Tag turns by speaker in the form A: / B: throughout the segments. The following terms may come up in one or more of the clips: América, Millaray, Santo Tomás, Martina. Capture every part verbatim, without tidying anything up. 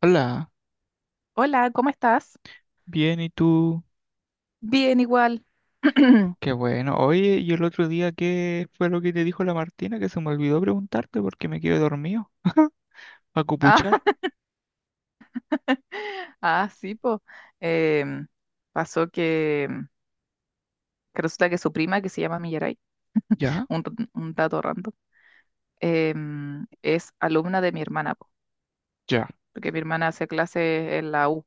A: Hola,
B: Hola, ¿cómo estás?
A: bien, ¿y tú?
B: Bien, igual.
A: Qué bueno. Oye, ¿y el otro día qué fue lo que te dijo la Martina que se me olvidó preguntarte porque me quedé dormido? ¿A
B: Ah,
A: cupuchar?
B: ah, sí, pues. pasó que, que resulta que su prima, que se llama Millaray,
A: Ya,
B: un, t- un dato random. Em, es alumna de mi hermana, po,
A: ya,
B: porque mi hermana hace clases en la U,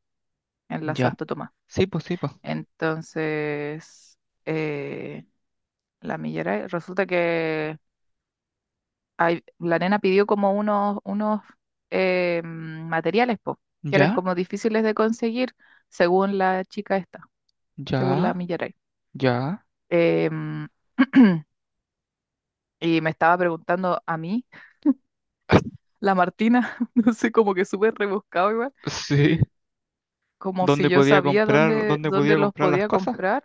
B: en la
A: ya.
B: Santo Tomás.
A: Sí, pues sí, pues.
B: Entonces, eh, la Millaray, resulta que ay, la nena pidió como unos, unos eh, mm, materiales, po, que eran
A: Ya,
B: como difíciles de conseguir, según la chica esta, según la
A: ya,
B: Millaray.
A: ya.
B: Eh, y me estaba preguntando a mí, la Martina, no sé, como que súper rebuscado igual,
A: Sí.
B: como si
A: ¿Dónde
B: yo
A: podía
B: sabía
A: comprar,
B: dónde,
A: dónde podía
B: dónde los
A: comprar las
B: podía
A: cosas?
B: comprar.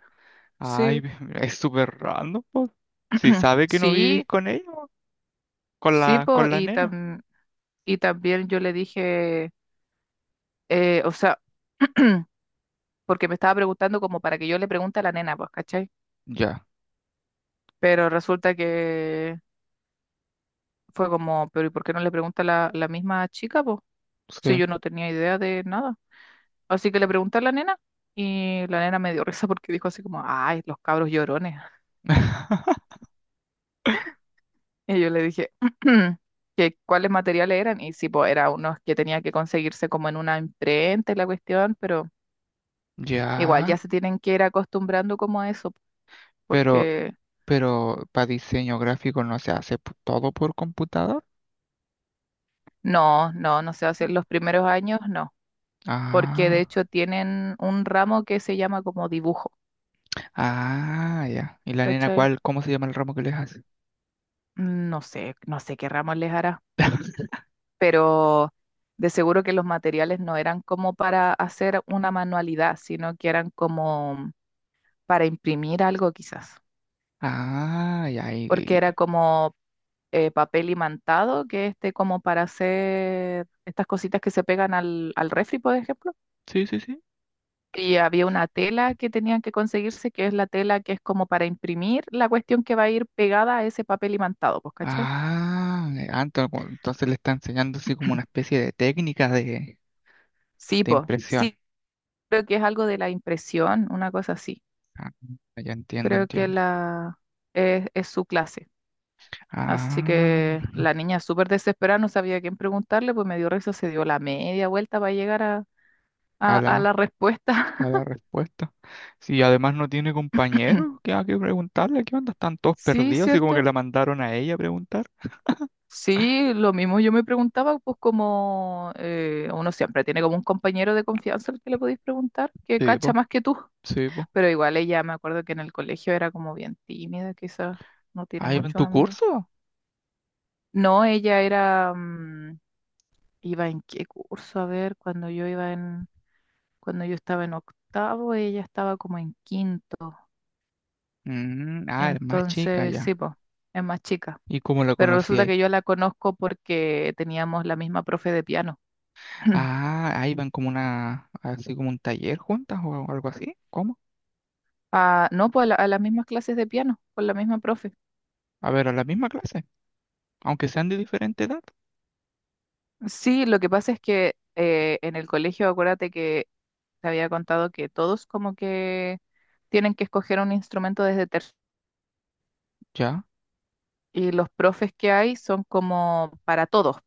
A: Ay,
B: Sí,
A: es súper random, pues. Si sabe que no vivís
B: sí,
A: con ella, po, con
B: sí,
A: la,
B: po,
A: con la
B: y,
A: nena.
B: tam- y también yo le dije, eh, o sea, porque me estaba preguntando como para que yo le pregunte a la nena, pues, ¿cachai?
A: Ya,
B: Pero resulta que fue como, pero ¿y por qué no le pregunta la, la misma chica, pues? Si
A: sí.
B: yo no tenía idea de nada. Así que le pregunté a la nena y la nena me dio risa porque dijo así como, ay, los cabros llorones. Y yo le dije que cuáles materiales eran y sí, pues era unos que tenía que conseguirse como en una imprenta y la cuestión, pero igual ya
A: Ya,
B: se tienen que ir acostumbrando como a eso,
A: pero.
B: porque
A: Pero para diseño gráfico no se hace p- todo por computador.
B: no, no, no sé, hacer los primeros años, no. Porque de
A: Ah,
B: hecho tienen un ramo que se llama como dibujo,
A: ah, ya. ¿Y la nena
B: ¿cachai?
A: cuál? ¿Cómo se llama el ramo que les hace?
B: No sé, no sé qué ramo les hará, pero de seguro que los materiales no eran como para hacer una manualidad, sino que eran como para imprimir algo quizás,
A: Ah, ya. y-
B: porque era
A: y-
B: como eh, papel imantado, que este como para hacer estas cositas que se pegan al, al refri, por ejemplo.
A: Sí, sí, sí.
B: Y había una tela que tenían que conseguirse, que es la tela que es como para imprimir la cuestión que va a ir pegada a ese papel imantado, pues, ¿cachai?
A: Ah, ah, ento- cu- entonces le está enseñando así como una especie de técnica de,
B: Sí,
A: de
B: pues,
A: impresión.
B: sí, creo que es algo de la impresión, una cosa así.
A: Ah, ya entiendo,
B: Creo que
A: entiendo.
B: la es, es su clase. Así
A: Ah,
B: que la niña súper desesperada, no sabía a quién preguntarle, pues me dio risa, se dio la media vuelta para llegar a,
A: a
B: a, a la
A: la,
B: respuesta.
A: a la respuesta. Si además no tiene compañeros, ¿qué hay que preguntarle? ¿Qué onda? Están todos
B: Sí,
A: perdidos y como que
B: cierto.
A: la mandaron a ella a preguntar.
B: Sí, lo mismo yo me preguntaba, pues como eh, uno siempre tiene como un compañero de confianza al que le podéis preguntar, que
A: Sí,
B: cacha
A: pues.
B: más que tú.
A: Sí, po.
B: Pero igual ella, me acuerdo que en el colegio era como bien tímida, quizás no tiene
A: Ah, ¿iba en
B: muchos
A: tu
B: amigos.
A: curso?
B: No, ella era, mm, iba en qué curso, a ver, cuando yo iba en, cuando yo estaba en octavo, ella estaba como en quinto.
A: Mm, ah, es más chica
B: Entonces, sí,
A: ya.
B: pues, es más chica.
A: ¿Y cómo la
B: Pero
A: conocí
B: resulta
A: ahí?
B: que yo la conozco porque teníamos la misma profe de piano.
A: Ah, ahí van como una, así como un taller juntas o algo así. ¿Cómo?
B: Ah, no, pues a, la- a las mismas clases de piano, con la misma profe.
A: A ver, a la misma clase, aunque sean de diferente edad.
B: Sí, lo que pasa es que eh, en el colegio, acuérdate que te había contado que todos como que tienen que escoger un instrumento desde tercero.
A: Ya.
B: Y los profes que hay son como para todos,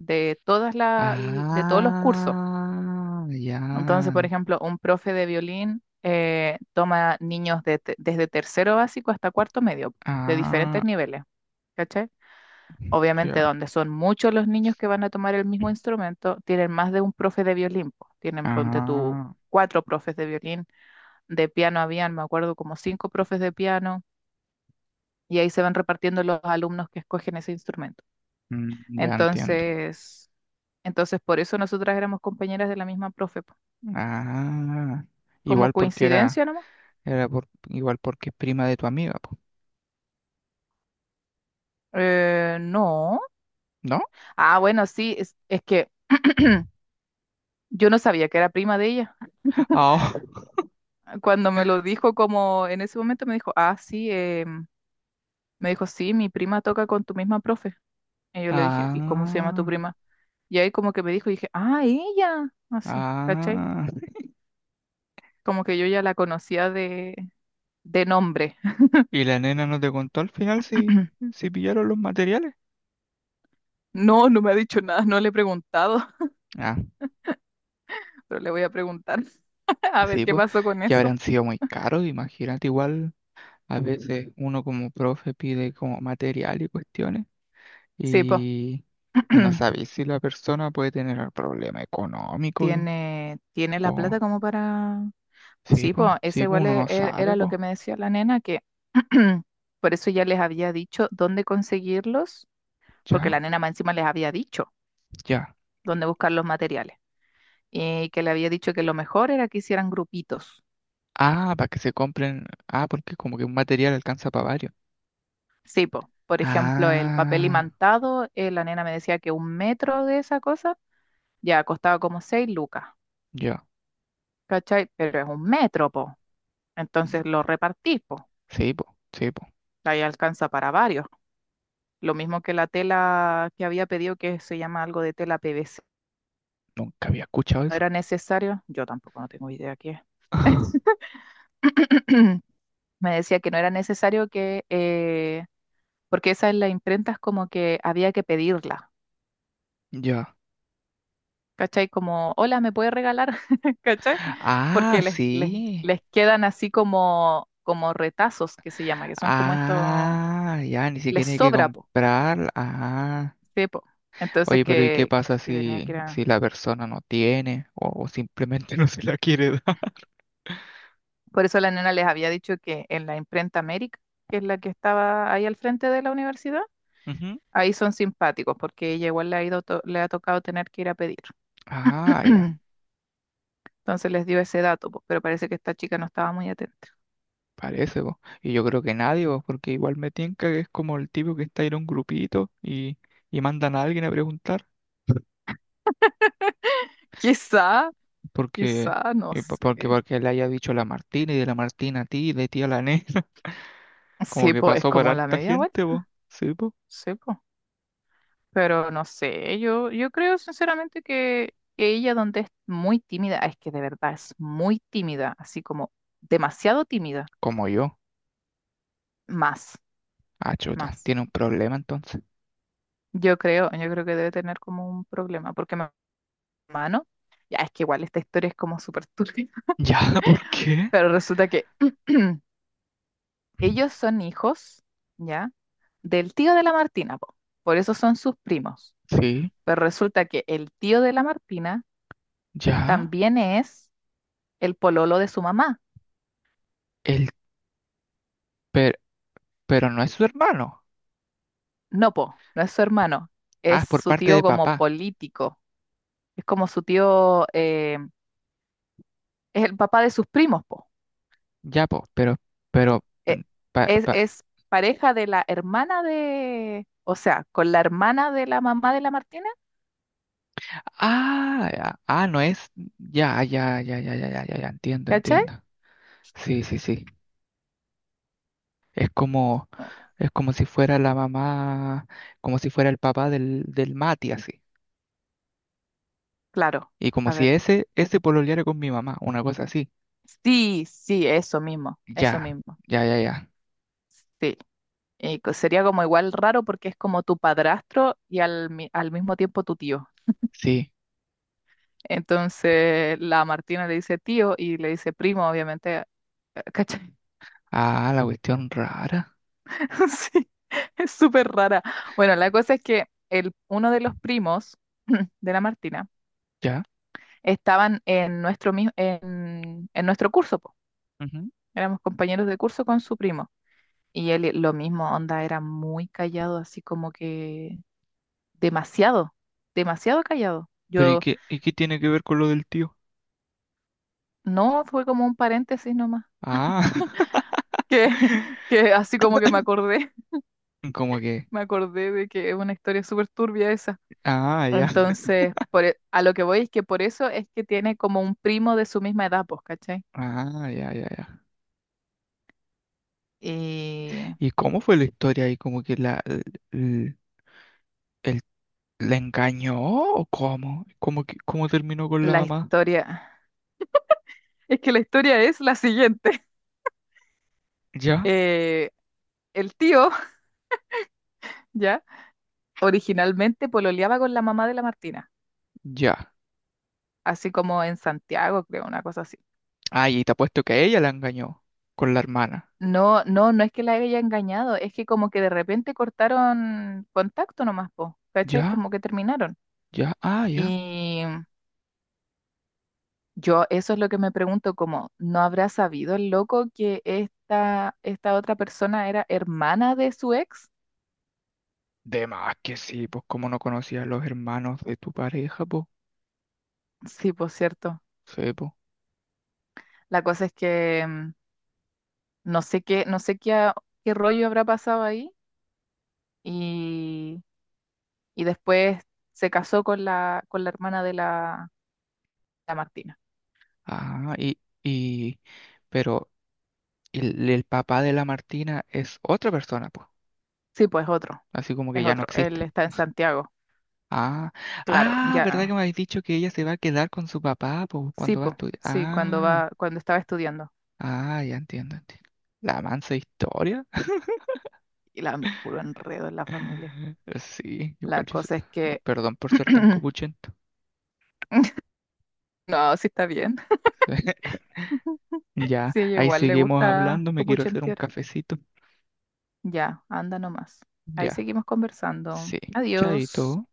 B: de todas la, l- de todos los cursos.
A: Ah, ya.
B: Entonces, por ejemplo, un profe de violín eh, toma niños de te- desde tercero básico hasta cuarto medio, de
A: Ah,
B: diferentes niveles. ¿Cachai? Obviamente,
A: ya.
B: donde son muchos los niños que van a tomar el mismo instrumento, tienen más de un profe de violín, po. Tienen, ponte tú,
A: Ah,
B: cuatro profes de violín. De piano habían, me acuerdo, como cinco profes de piano. Y ahí se van repartiendo los alumnos que escogen ese instrumento.
A: mm, ya entiendo.
B: Entonces, entonces por eso nosotras éramos compañeras de la misma profe, po.
A: Ah,
B: ¿Como
A: igual porque era,
B: coincidencia nomás?
A: era por, igual porque es prima de tu amiga, po,
B: Eh, no.
A: ¿no?
B: Ah, bueno, sí, es, es que yo no sabía que era prima de ella.
A: Ah,
B: Cuando me lo dijo, como en ese momento me dijo, ah, sí, eh, me dijo, sí, mi prima toca con tu misma profe. Y yo le dije, ¿y cómo se llama tu
A: ah.
B: prima? Y ahí como que me dijo, y dije, ah, ella, así, ¿cachai?
A: Ah,
B: Como que yo ya la conocía de, de nombre.
A: ¿y la nena no te contó al final si, si pillaron los materiales?
B: No, no me ha dicho nada, no le he preguntado,
A: Ah,
B: pero le voy a preguntar a ver
A: sí,
B: qué
A: pues,
B: pasó con
A: ya
B: eso.
A: habrán sido muy caros, imagínate, igual a veces uno como profe pide como material y cuestiones
B: Sí, pues,
A: y, y no sabéis si la persona puede tener el problema económico
B: tiene, tiene la plata
A: o...
B: como para.
A: Sí,
B: Sí,
A: pues,
B: pues ese
A: sí, pues,
B: igual
A: uno
B: e-
A: no
B: e- era
A: sabe,
B: lo
A: pues,
B: que me decía la nena, que por eso ya les había dicho dónde conseguirlos, porque
A: ya,
B: la nena más encima les había dicho
A: ya.
B: dónde buscar los materiales y que le había dicho que lo mejor era que hicieran grupitos.
A: Ah, para que se compren, ah, porque como que un material alcanza para varios.
B: Sí, pues, por ejemplo, el papel
A: Ah,
B: imantado, eh, la nena me decía que un metro de esa cosa ya costaba como seis lucas,
A: ya.
B: ¿cachai? Pero es un metro, po. Entonces lo repartís, po.
A: Sí, pues, sí, pues.
B: Ahí alcanza para varios. Lo mismo que la tela que había pedido, que se llama algo de tela P V C,
A: Nunca había escuchado
B: no
A: eso.
B: era necesario, yo tampoco no tengo idea qué es. Me decía que no era necesario que, eh, porque esa en las imprentas como que había que pedirla,
A: Ya.
B: ¿cachai? Como, hola, ¿me puede regalar? ¿Cachai?
A: Ah,
B: Porque les, les,
A: sí.
B: les quedan así como, como retazos que se llama, que son como estos,
A: Ah, ya, ni
B: les
A: siquiera hay que
B: sobra, po,
A: comprar. Ah.
B: sí, po. Entonces
A: Oye, pero ¿y qué
B: que,
A: pasa
B: que tenía
A: si,
B: que ir
A: si
B: a-
A: la persona no tiene o, o simplemente no se la quiere dar?
B: Por eso la nena les había dicho que en la imprenta América, que es la que estaba ahí al frente de la universidad,
A: Ujú.
B: ahí son simpáticos porque ella igual le ha ido to- le ha tocado tener que ir a pedir.
A: Ah, ya.
B: Entonces les dio ese dato, po, pero parece que esta chica no estaba muy atenta.
A: Parece, po. Y yo creo que nadie, po, porque igual me tinca que es como el tipo que está en un grupito y, y mandan a alguien a preguntar
B: Quizá,
A: porque,
B: quizá, no
A: y po-
B: sé.
A: porque, porque le haya dicho la Martina y de la Martina a ti, de ti a la Nena. Como
B: Sí,
A: que
B: pues es
A: pasó por
B: como la
A: harta
B: media
A: gente,
B: vuelta.
A: vos. Sí, vos.
B: Sí, pues. Pero no sé, yo, yo creo sinceramente que, que ella donde es muy tímida, es que de verdad es muy tímida, así como demasiado tímida,
A: Como yo.
B: más,
A: Ah, chuta.
B: más.
A: Tiene un problema entonces.
B: Yo creo, yo creo que debe tener como un problema, porque mi hermano, ya es que igual esta historia es como súper turbia.
A: Ya, ¿por qué?
B: Pero resulta que ellos son hijos, ¿ya? Del tío de la Martina, po. Por eso son sus primos.
A: Sí,
B: Pero resulta que el tío de la Martina
A: ya.
B: también es el pololo de su mamá.
A: El, pero, pero no es su hermano.
B: No, po, no es su hermano,
A: Ah,
B: es
A: es por
B: su
A: parte
B: tío
A: de
B: como
A: papá.
B: político. Es como su tío, eh, es el papá de sus primos, po.
A: Ya, po, pero, pero, mm,
B: Eh,
A: pa-
B: es,
A: pa-
B: es pareja de la hermana de, o sea, con la hermana de la mamá de la Martina,
A: ah, ya, ah, no es. Ya, ya, ya, ya, ya, ya, ya, ya, entiendo,
B: ¿cachai?
A: entiendo. Sí, sí, sí. Es como,
B: Mm,
A: es como si fuera la mamá, como si fuera el papá del, del Mati, así.
B: claro,
A: Y como
B: a
A: si
B: ver.
A: ese, ese pololeara con mi mamá, una cosa así.
B: Sí, sí, eso mismo, eso
A: Ya,
B: mismo,
A: ya, ya, ya.
B: sí. Y co- sería como igual raro porque es como tu padrastro y al, mi- al mismo tiempo tu tío.
A: Sí.
B: Entonces la Martina le dice tío y le dice primo, obviamente, eh, ¿cachai?
A: Ah, la cuestión rara.
B: Sí, es súper rara. Bueno, la cosa es que el, uno de los primos de la Martina
A: Ya.
B: estaban en nuestro, mi- en, en nuestro curso, po.
A: Ujú.
B: Éramos compañeros de curso con su primo. Y él, lo mismo, onda, era muy callado, así como que demasiado, demasiado callado.
A: Pero ¿y
B: Yo,
A: qué, y qué tiene que ver con lo del tío?
B: no, fue como un paréntesis nomás,
A: Ah,
B: que, que así como que me acordé,
A: como que.
B: me acordé de que es una historia súper turbia esa.
A: Ah, ya.
B: Entonces, por, e- a lo que voy es que por eso es que tiene como un primo de su misma edad, pues, ¿cachai?
A: Ah, ya, ya, ya.
B: Y
A: ¿Y cómo fue la historia ahí? ¿Como que la, l- l- el- la engañó o cómo? ¿Cómo, que, cómo terminó con la
B: la
A: mamá?
B: historia, es que la historia es la siguiente.
A: Ya,
B: Eh, el tío, ya, originalmente pololeaba con la mamá de la Martina,
A: ya.
B: así como en Santiago, creo, una cosa así.
A: Ah, y te apuesto que ella la engañó con la hermana.
B: No, no, no es que la haya engañado, es que como que de repente cortaron contacto nomás, po, ¿cachai? Como
A: Ya,
B: que terminaron.
A: ya, ah, ya.
B: Y yo eso es lo que me pregunto, como, ¿no habrá sabido el loco que esta, esta otra persona era hermana de su ex?
A: De más que sí, pues como no conocía a los hermanos de tu pareja, pues.
B: Sí, por cierto.
A: Sí, po.
B: La cosa es que mm, no sé qué, no sé qué, a- qué rollo habrá pasado ahí y, y después se casó con la, con la hermana de la, la Martina.
A: Ah, y, y, pero el, el papá de la Martina es otra persona, pues.
B: Sí, pues otro,
A: Así como que
B: es
A: ya no
B: otro. Él
A: existe.
B: está en Santiago,
A: Ah,
B: claro,
A: ah, ¿verdad que
B: ya.
A: me habéis dicho que ella se va a quedar con su papá, pues,
B: Sí,
A: cuando va a
B: pues,
A: estudiar?
B: sí, cuando
A: Ah,
B: va, cuando estaba estudiando.
A: ah, ya entiendo, entiendo. La mansa historia.
B: Y la puro enredo en la familia.
A: Sí,
B: La
A: igual yo, sé-
B: cosa es que
A: perdón por ser tan copuchento.
B: no, sí está bien.
A: Ya,
B: Sí,
A: ahí
B: igual le
A: seguimos
B: gusta
A: hablando, me quiero hacer un
B: copuchentear.
A: cafecito.
B: Ya, anda nomás. Ahí
A: Ya,
B: seguimos conversando.
A: sí,
B: Adiós.
A: chaito.